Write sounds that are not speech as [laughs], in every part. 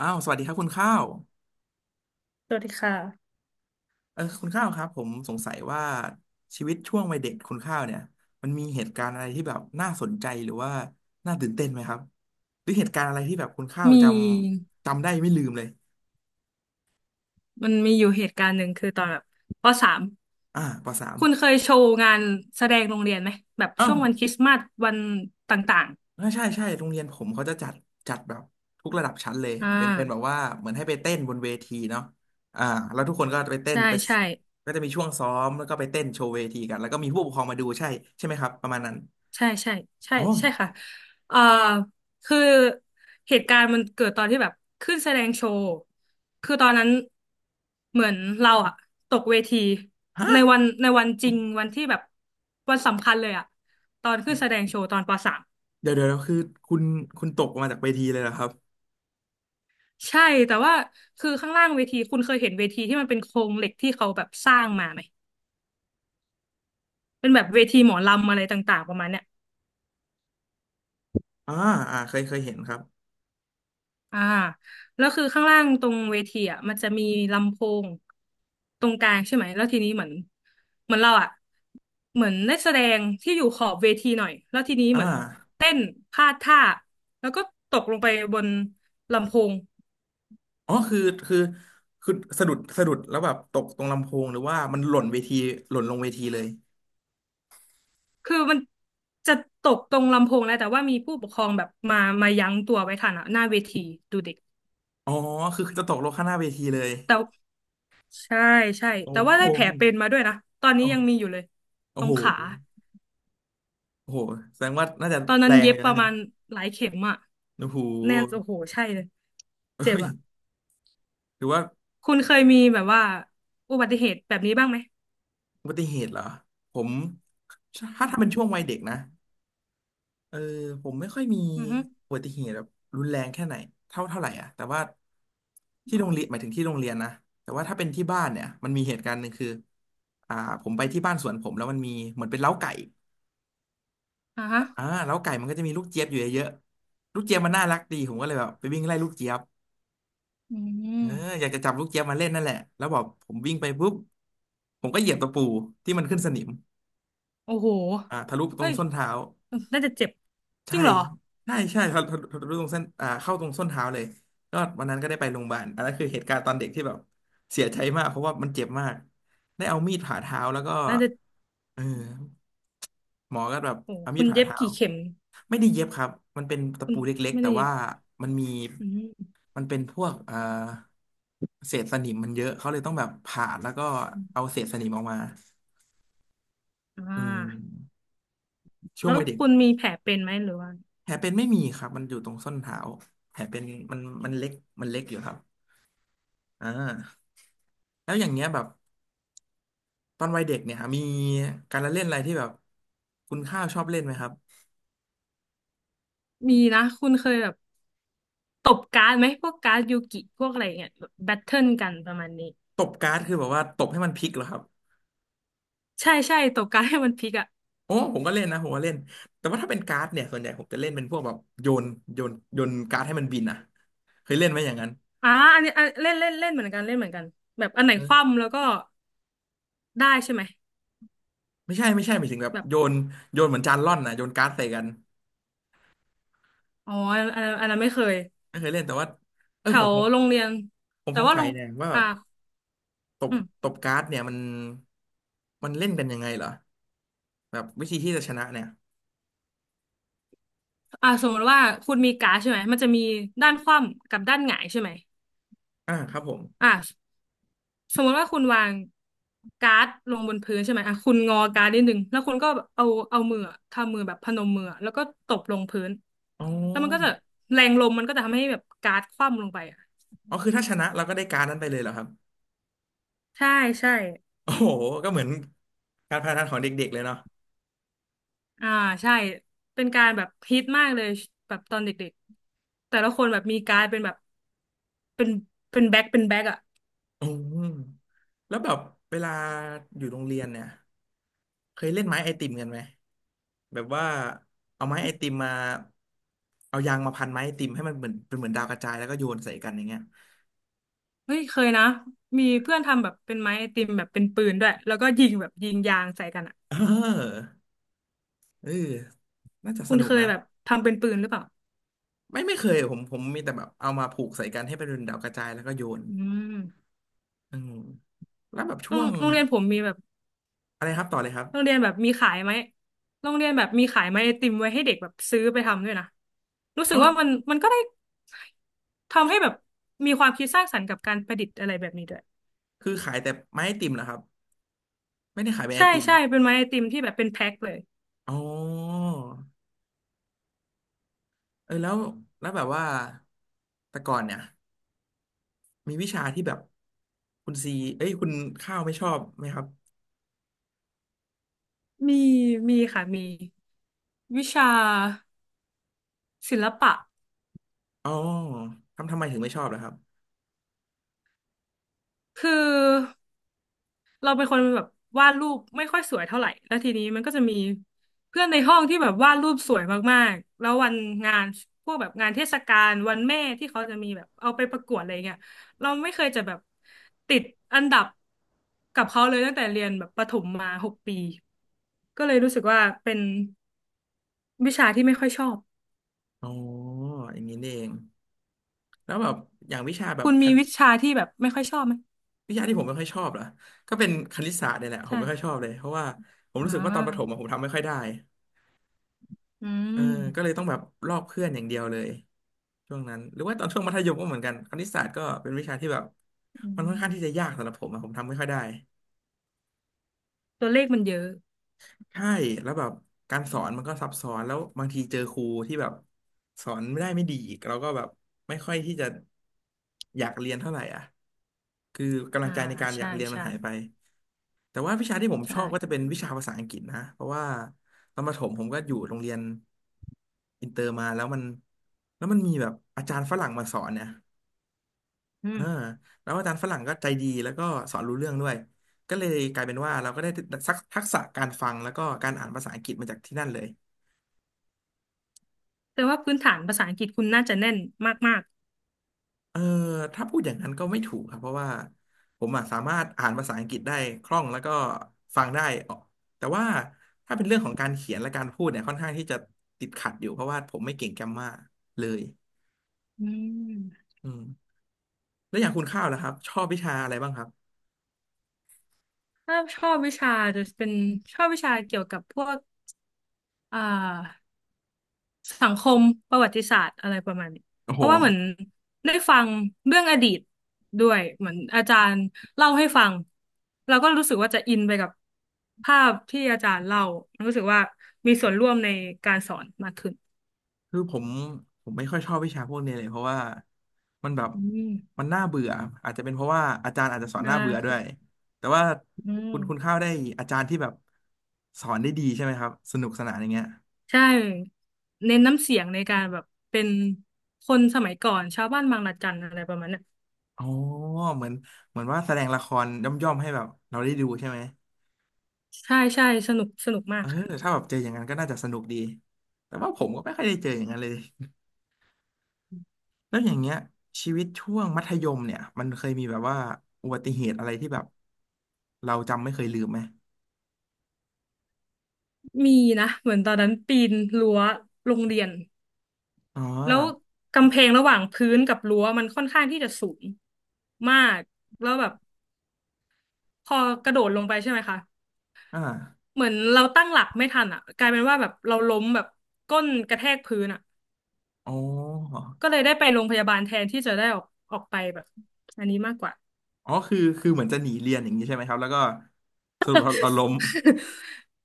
อ้าวสวัสดีครับคุณข้าวสวัสดีค่ะคุณข้าวครับผมสงสัยว่าชีวิตช่วงวัยเด็กคุณข้าวเนี่ยมันมีเหตุการณ์อะไรที่แบบน่าสนใจหรือว่าน่าตื่นเต้นไหมครับหรือเหตุการณ์อะไรที่แบบคุณข้าวมีจำได้ไม่ลืมเลยมันมีอยู่เหตุการณ์หนึ่งคือตอนแบบปสามปสามคุณเคยโชว์งานแสดงโรงเรียนไหมแบบอ้าช่ววงวันคริสต์มาสวันต่างใช่โรงเรียนผมเขาจะจัดแบบทุกระดับชั้นเลยๆอ่าเป็นแบบว่าเหมือนให้ไปเต้นบนเวทีเนาะอ่าแล้วทุกคนก็ไปเต้นใช่ไปใช่ก็จะมีช่วงซ้อมแล้วก็ไปเต้นโชว์เวทีกันแล้วก็มีผู้ปกครองมาดูใช่ใช่ไหมครับประมาณนั้นใช่ใช่ใช่อ๋อใช่ค่ะเอ่อคือเหตุการณ์มันเกิดตอนที่แบบขึ้นแสดงโชว์คือตอนนั้นเหมือนเราอะตกเวทีฮะ ในวันจริงวันที่แบบวันสำคัญเลยอะตอนขึ้นแสดงโชว์ตอนปสาม เดี๋ยวคือคุณคุณตกมาจากเวทีเลยเหรอครับใช่แต่ว่าคือข้างล่างเวทีคุณเคยเห็นเวทีที่มันเป็นโครงเหล็กที่เขาแบบสร้างมาไหมเป็นแบบเวทีหมอลำอะไรต่างๆประมาณเนี้ยอ่าเคยเห็นครับอ่าแล้วคือข้างล่างตรงเวทีอ่ะมันจะมีลำโพงตรงกลางใช่ไหมแล้วทีนี้เหมือนเราอ่ะเหมือนได้แสดงที่อยู่ขอบเวทีหน่อยแล้วทีนี้เหอ่ามือนเต้นพลาดท่าแล้วก็ตกลงไปบนลำโพงอ๋อคือคือสะดุดแล้วแบบตกตรงลำโพงหรือว่ามันหล่นเวทีหล่นลงเวทีเลยคือมันจะตกตรงลำโพงแล้วแต่ว่ามีผู้ปกครองแบบมายั้งตัวไว้ทันอะหน้าเวทีดูเด็ก อ๋อคือจะตกลงข้างหน้าเวทีเลยแต่ใช่ใช่โอ้แต่ว่าโหได้แผลเป็นมาด้วยนะตอนนี้ยังมีอโอ้ยู่เลยโอ้ตรโหงขาโอ้โหแสดงว่าน่าจะตอนนั้แรนงเย็เลบยปนะระเนี่มายณหลายเข็มอะโอ้โหแน่โอ้โหใช่เลยเจ็บเฮ้ยอะหรือว่าคุณเคยมีแบบว่าอุบัติเหตุแบบนี้บ้างไหมอุบัติเหตุเหรอผมอืถ้ามถ้าเป็นช่วงวัยเด็กนะ เออผมไม่ค่อยมีอือฮึอุบัติเหตุแบบรุนแรงแค่ไหนเท่าไหร่อ่ะแต่ว่าที่โรงเรียนอ่าหมายถึงที่โรงเรียนนะแต่ว่าถ้าเป็นที่บ้านเนี่ยมันมีเหตุการณ์หนึ่งคืออ่าผมไปที่บ้านสวนผมแล้วมันมีเหมือนเป็นเล้าไก่อ่าฮะเล้าไก่มันก็จะมีลูกเจี๊ยบอยู่เยอะๆลูกเจี๊ยบมันน่ารักดีผมก็เลยแบบไปวิ่งไล่ลูกเจี๊ยบอืเอออมยากจะจับลูกเจี๊ยบมาเล่นนั่นแหละแล้วบอกผมวิ่งไปปุ๊บผมก็เหยียบตะปูที่มันขึ้นสนิมโอ้โหทะลุตรเฮ้งยส้นเท้า น่าจะเจ็บจใช่ริงเหรอทะลุตรงเส้นเข้าตรงส้นเท้าเลยก็วันนั้นก็ได้ไปโรงพยาบาลอันนั้นคือเหตุการณ์ตอนเด็กที่แบบเสียใจมากเพราะว่ามันเจ็บมาก ได้เอามีดผ่าเท้าแล้วก็น่าจะเออหมอก็แบบโอ้เอามีคุดณผ่าเย็บเท้า กี่เข็มไม่ได้เย็บครับมันเป็นตะคุณปูเล็กๆไม่แต่ได้เย็บว่ามันมีอืมมันเป็นพวกเศษสนิมมันเยอะเขาเลยต้องแบบผ่าแล้วก็อมเอาเศษสนิมออกมาอือ่ามช่วงแล้ววัยเด็ก คุณมีแผลเป็นไหมหรือว่าแผลเป็นไม่มีครับมันอยู่ตรงส้นเท้าแผลเป็นมันเล็กมันเล็กอยู่ครับอ่าแล้วอย่างเงี้ยแบบตอนวัยเด็กเนี่ยมีการละเล่นอะไรที่แบบคุณข้าวชอบเล่นไหมครับมีนะคุณเคยแบบ ตบการ์ดไหมพวกการ์ดยูกิพวกอะไรเงี้ยแบบแบทเทิลกันประมาณนี้ตบการ์ดคือแบบว่าตบให้มันพลิกเหรอครับใช่ใช่ตบการ์ดให้มันพลิกอ่ะโอ้ผมก็เล่นนะผมก็เล่นแต่ว่าถ้าเป็นการ์ดเนี่ยส่วนใหญ่ผมจะเล่นเป็นพวกแบบโยนการ์ดให้มันบินอ่ะเคยเล่นไหมอย่างนั้นอ่าอันนี้อันเล่นเล่นเล่นเหมือนกันเล่นเหมือนกันแบบอันไหนคอว่ำแล้วก็ได้ใช่ไหมไม่ใช่หมายถึงแบบแบบโยนเหมือนจานร่อนนะโยนการ์ดใส่กันอ๋ออันนั้นไม่เคยไม่เคยเล่นแต่ว่าเอแถอผมวโรงเรียนผมแต่สงว่าสัโรยงเนี่ยว่าแบอ่าบ ตบอืมตบการ์ดเนี่ยมันเล่นกันยังไงเหรอแบบวิธีที่จะชนะเนี่ยอ่าสมมติว่าคุณมีการ์ดใช่ไหมมันจะมีด้านคว่ำกับด้านหงายใช่ไหมอ่าครับผมอ่า สมมติว่าคุณวางการ์ดลงบนพื้นใช่ไหมอ่ะคุณงอการ์ดนิดนึงแล้วคุณก็เอามืออะทำมือแบบพนมมืออะแล้วก็ตบลงพื้นอ๋อแล้วมันก็จะแรงลมมันก็จะทำให้แบบการ์ดคว่ำลงไปอ่ะอ๋อคือถ้าชนะเราก็ได้การ์ดนั้นไปเลยเหรอครับใช่ใช่โอ้โหก็เหมือนการพนันของเด็กๆเลยเนาะอ่าใช่เป็นการแบบฮิตมากเลยแบบตอนเด็กๆแต่ละคนแบบมีการ์ดเป็นแบบเป็นเป็นแบ็คอ่ะอืมแล้วแบบเวลาอยู่โรงเรียนเนี่ยเคยเล่นไม้ไอติมกันไหมแบบว่าเอาไม้ไอติมมาเอายางมาพันไม้ไอติมให้มันเหมือนเป็นเหมือนดาวกระจายแล้วก็โยนใส่กันอย่างเงี้ยเฮ้ยเคยนะมีเพื่อนทำแบบเป็นไม้ไอติมแบบเป็นปืนด้วยแล้วก็ยิงแบบยิงยางใส่กันอ่ะเออเออน่าจะสคุณนุกเคยนะ แบบทำเป็นปืนหรือเปล่าไม่เคยผมมีแต่แบบเอามาผูกใส่กันให้เป็นดาวกระจายแล้วก็โยนอืม อืมแล้วแบบโรช่วงงโรงเรียนผมมีแบบอะไรครับต่อเลยครับโรงเรียนแบบมีขายไหมโรงเรียนแบบมีขายไหมไอติมไว้ให้เด็กแบบซื้อไปทำด้วยนะรู้สึอ๋อกว่ามันก็ได้ทำให้แบบมีความคิดสร้างสรรค์กับการประดิษฐ์อะไรแบบนี้ด้วยคือขายแต่ไม้ไอติมเหรอครับไม่ได้ขายเป็นไอใช่ติมใช่เป็นไม้ไอติมที่แบบเป็นแพ็คเลยอ๋อเออแล้วแล้วแบบว่าแต่ก่อนเนี่ยมีวิชาที่แบบคุณซีเอ้ยคุณข้าวไม่ชอบไหมครับมีมีค่ะมีวิชาศิลปะอ๋อทำไมถึงไม่ชอบล่ะครับคือ เราเป็นคนแบบวาดรูปไม่ค่อยสวยเท่าไหร่แล้วทีนี้มันก็จะมีเพื่อนในห้องที่แบบวาดรูปสวยมากๆแล้ววันงานพวกแบบงานเทศกาลวันแม่ที่เขาจะมีแบบเอาไปประกวดอะไรเงี้ยเราไม่เคยจะแบบติดอันดับกับเขาเลยตั้งแต่เรียนแบบประถมมาหกปีก็เลยรู้สึกว่าเป็นวิชาที่ไม่ค่อยชอบอ๋ออย่างนี้นี่เองแล้วแบบอย่างวิชาแบบ คุณมีวิชาที่แบบไม่ค่อยชอบไหมวิชาที่ผมไม่ค่อยชอบเหรอก็เป็นคณิตศาสตร์เนี่ยแหละผมใช่ไม่ค่อยชอค่ะบเลยเพราะว่าผมอ่รู้สึกว่าตอนประถมอะาผมทำไม่ค่อยได้อืเออก็เลยมต้องแบบลอกเพื่อนอย่างเดียวเลยช่วงนั้นหรือว่าตอนช่วงมัธยมก็เหมือนกันคณิตศาสตร์ก็เป็นวิชาที่แบบอืมันค่อนข้างที่จะมยากสำหรับผมอะผมทำไม่ค่อยได้ตัวเลขมันเยอะใช่แล้วแบบการสอนมันก็ซับซ้อนแล้วบางทีเจอครูที่แบบสอนไม่ดีอีกเราก็แบบไม่ค่อยที่จะอยากเรียนเท่าไหร่อ่ะคือกำลัอ่างใจในการอใช่ยากเรียนมันใช่ หายไป แต่ว่าวิชาที่ผมชใช่อบก็จะเป็นวิชาภาษาอังกฤษนะเพราะว่าตอนประถมผมก็อยู่โรงเรียนอินเตอร์มาแล้วมันมีแบบอาจารย์ฝรั่งมาสอนเนี่ยอืเอมอแล้วอาจารย์ฝรั่งก็ใจดีแล้วก็สอนรู้เรื่องด้วยก็เลยกลายเป็นว่าเราก็ได้ทักษะการฟังแล้วก็การอ่านภาษาอังกฤษมาจากที่นั่นเลย แต่ว่าพื้นฐานภาษาอังกฤษคุณน่าจะแน่นมากเออถ้าพูดอย่างนั้นก็ไม่ถูกครับเพราะว่าผมอะสามารถอ่านภาษาอังกฤษได้คล่องแล้วก็ฟังได้ออกแต่ว่าถ้าเป็นเรื่องของการเขียนและการพูดเนี่ยค่อนข้างที่จะติดขัดอยู่เพราะว่าผมไม่เก่งแกรมมาเลยๆอืมอืมแล้วอย่างคุณข้าวนะครับชอบวิชาอะไรบ้างครับถ้าชอบวิชาจะเป็นชอบวิชาเกี่ยวกับพวกอ่าสังคมประวัติศาสตร์อะไรประมาณนี้ โอ้เพโหราะว่าเหมือนได้ฟังเรื่องอดีตด้วยเหมือนอาจารย์เล่าให้ฟังเราก็รู้สึกว่าจะอินไปกับภาพที่อาจารย์เล่ารู้สึกว่ามีส่วนร่วมในการสอนมากขึ้นคือผมไม่ค่อยชอบวิชาพวกนี้เลยเพราะว่ามันแบบอืมมันน่าเบื่ออาจจะเป็นเพราะว่าอาจารย์อาจจะสอนนะน่าเบื่อด้วยคะแต่ว่าอืม คุณข้าวได้อาจารย์ที่แบบสอนได้ดีใช่ไหมครับสนุกสนานอย่างเงี้ย ใช่เน้นน้ำเสียงในการแบบเป็นคนสมัยก่อนชาวบ้านบางระจันอะไรประมาณเนี้ยอ๋อเหมือนเหมือนว่าแสดงละครย่อมๆให้แบบเราได้ดูใช่ไหมใช่ใช่สนุกสนุกมาเอกอค่ะถ้าแบบเจออย่างนั้นก็น่าจะสนุกดีแต่ว่าผมก็ไม่ค่อยได้เจออย่างนั้นเลยแล้วอย่างเงี้ยชีวิตช่วงมัธยมเนี่ยมันเคยมีแบบว่าอุบัติเหตุอะไรที่แบบเราจำไม่เคยลืมไหมมีนะเหมือนตอนนั้นปีนรั้วโรงเรียนอ๋อแล้วกำแพงระหว่างพื้นกับรั้วมันค่อนข้างที่จะสูงมากแล้วแบบพอกระโดดลงไปใช่ไหมคะอ่าเหมือนเราตั้งหลักไม่ทันอ่ะกลายเป็นว่าแบบเราล้มแบบก้นกระแทกพื้นอ่ะอ๋อก็เลยได้ไปโรงพยาบาลแทนที่จะได้ออกออกไปแบบอันนี้มากกว่า อ๋อคือคือเหมือนจะหนีเรียนอย่างนี้ใช่ไหมครับแล้วก็สรุปเราล้ม [laughs]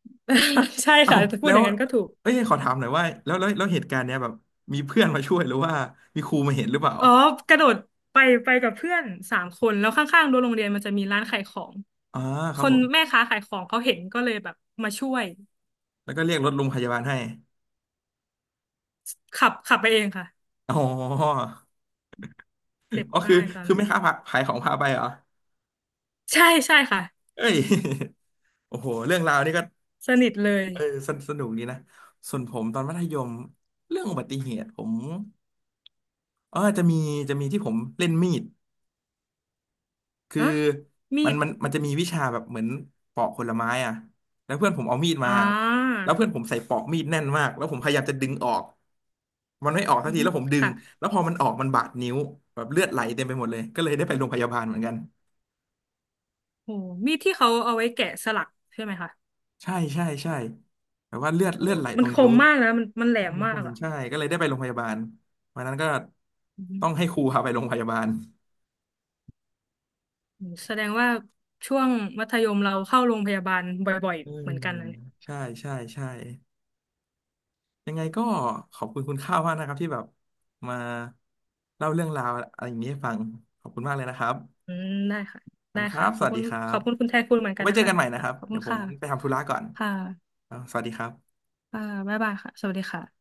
ใช่ [laughs] เอ้าค่ะพูแล้ดอวย่างนั้นก็ถูกเอ้ยขอถามหน่อยว่าแล้วเหตุการณ์เนี้ยแบบมีเพื่อนมาช่วยหรือว่ามีครูมาเห็นหรือเปล่า อ๋อกระโดดไปไปกับเพื่อนสามคนแล้วข้างๆรั้วโรงเรียนมันจะมีร้านขายของอ่าคครับนผมแม่ค้าขายของเขาเห็นก็เลยแบบมาช่วยแล้วก็เรียกรถโรงพยาบาลให้ ขับไปเองค่ะอ๋อเจ็บอ๋อคือมากตอนคือนั้นไม่ค้าผขายของพาไปเหรอใช่ใช่ค่ะเอ้ย [laughs] โอ้โหเรื่องราวนี่ก็สนิทเลยเออสนสนุกดีนะส่วนผมตอนมัธยมเรื่องอุบัติเหตุผมเออจะมีจะมีที่ผมเล่นมีด คืออะมีมันดมันมันจะมีวิชาแบบเหมือนปอกผลไม้อ่ะแล้วเพื่อนผมเอามีดมาอ่าแล้วเพื่อนผมใส่ปอกมีดแน่นมากแล้วผมพยายามจะดึงออกมันไม่ออกสักอือทีฮึแล้วผมดึงค่ะแล้วพอมันออกมันบาดนิ้วแบบเลือดไหลเต็มไปหมดเลยก็เลยได้ไปโรงพยาบาลเหมือนกันโหมีดที่เขาเอาไว้แกะสลักใช่ไหมคะใช่ใช่ใช่แบบว่าเลือดโหเลือดไหลมัตรนงคนิ้วมมากนะมันแหลมมันมาคกงอ่ะ ใช่ก็เลยได้ไปโรงพยาบาลวันนั้นก็ต้องให้ครูพาไปโรงพยาบาลแสดงว่าช่วงมัธยมเราเข้าโรงพยาบาลบ่อยอืๆเหมมือนกันนะเนี่ยใช่ใช่ใช่ ยังไงก็ขอบคุณคุณข้าวมากนะครับที่แบบมาเล่าเรื่องราวอะไรอย่างนี้ให้ฟังขอบคุณมากเลยนะครับอืมได้ค่ะขอบได้คุณครัค่ะบขสอบวัสคุดีณครัขบอบคุณคุณแทนคุณเหมือนกันไว้นะเจอคะกันใหม่นะคค่ะรับ ขอบเดี๋คุยณวผมค่ะไปทำธุระก่อนค่ะอ่าสวัสดีครับค่ะบ๊ายบายค่ะสวัสดีค่ะ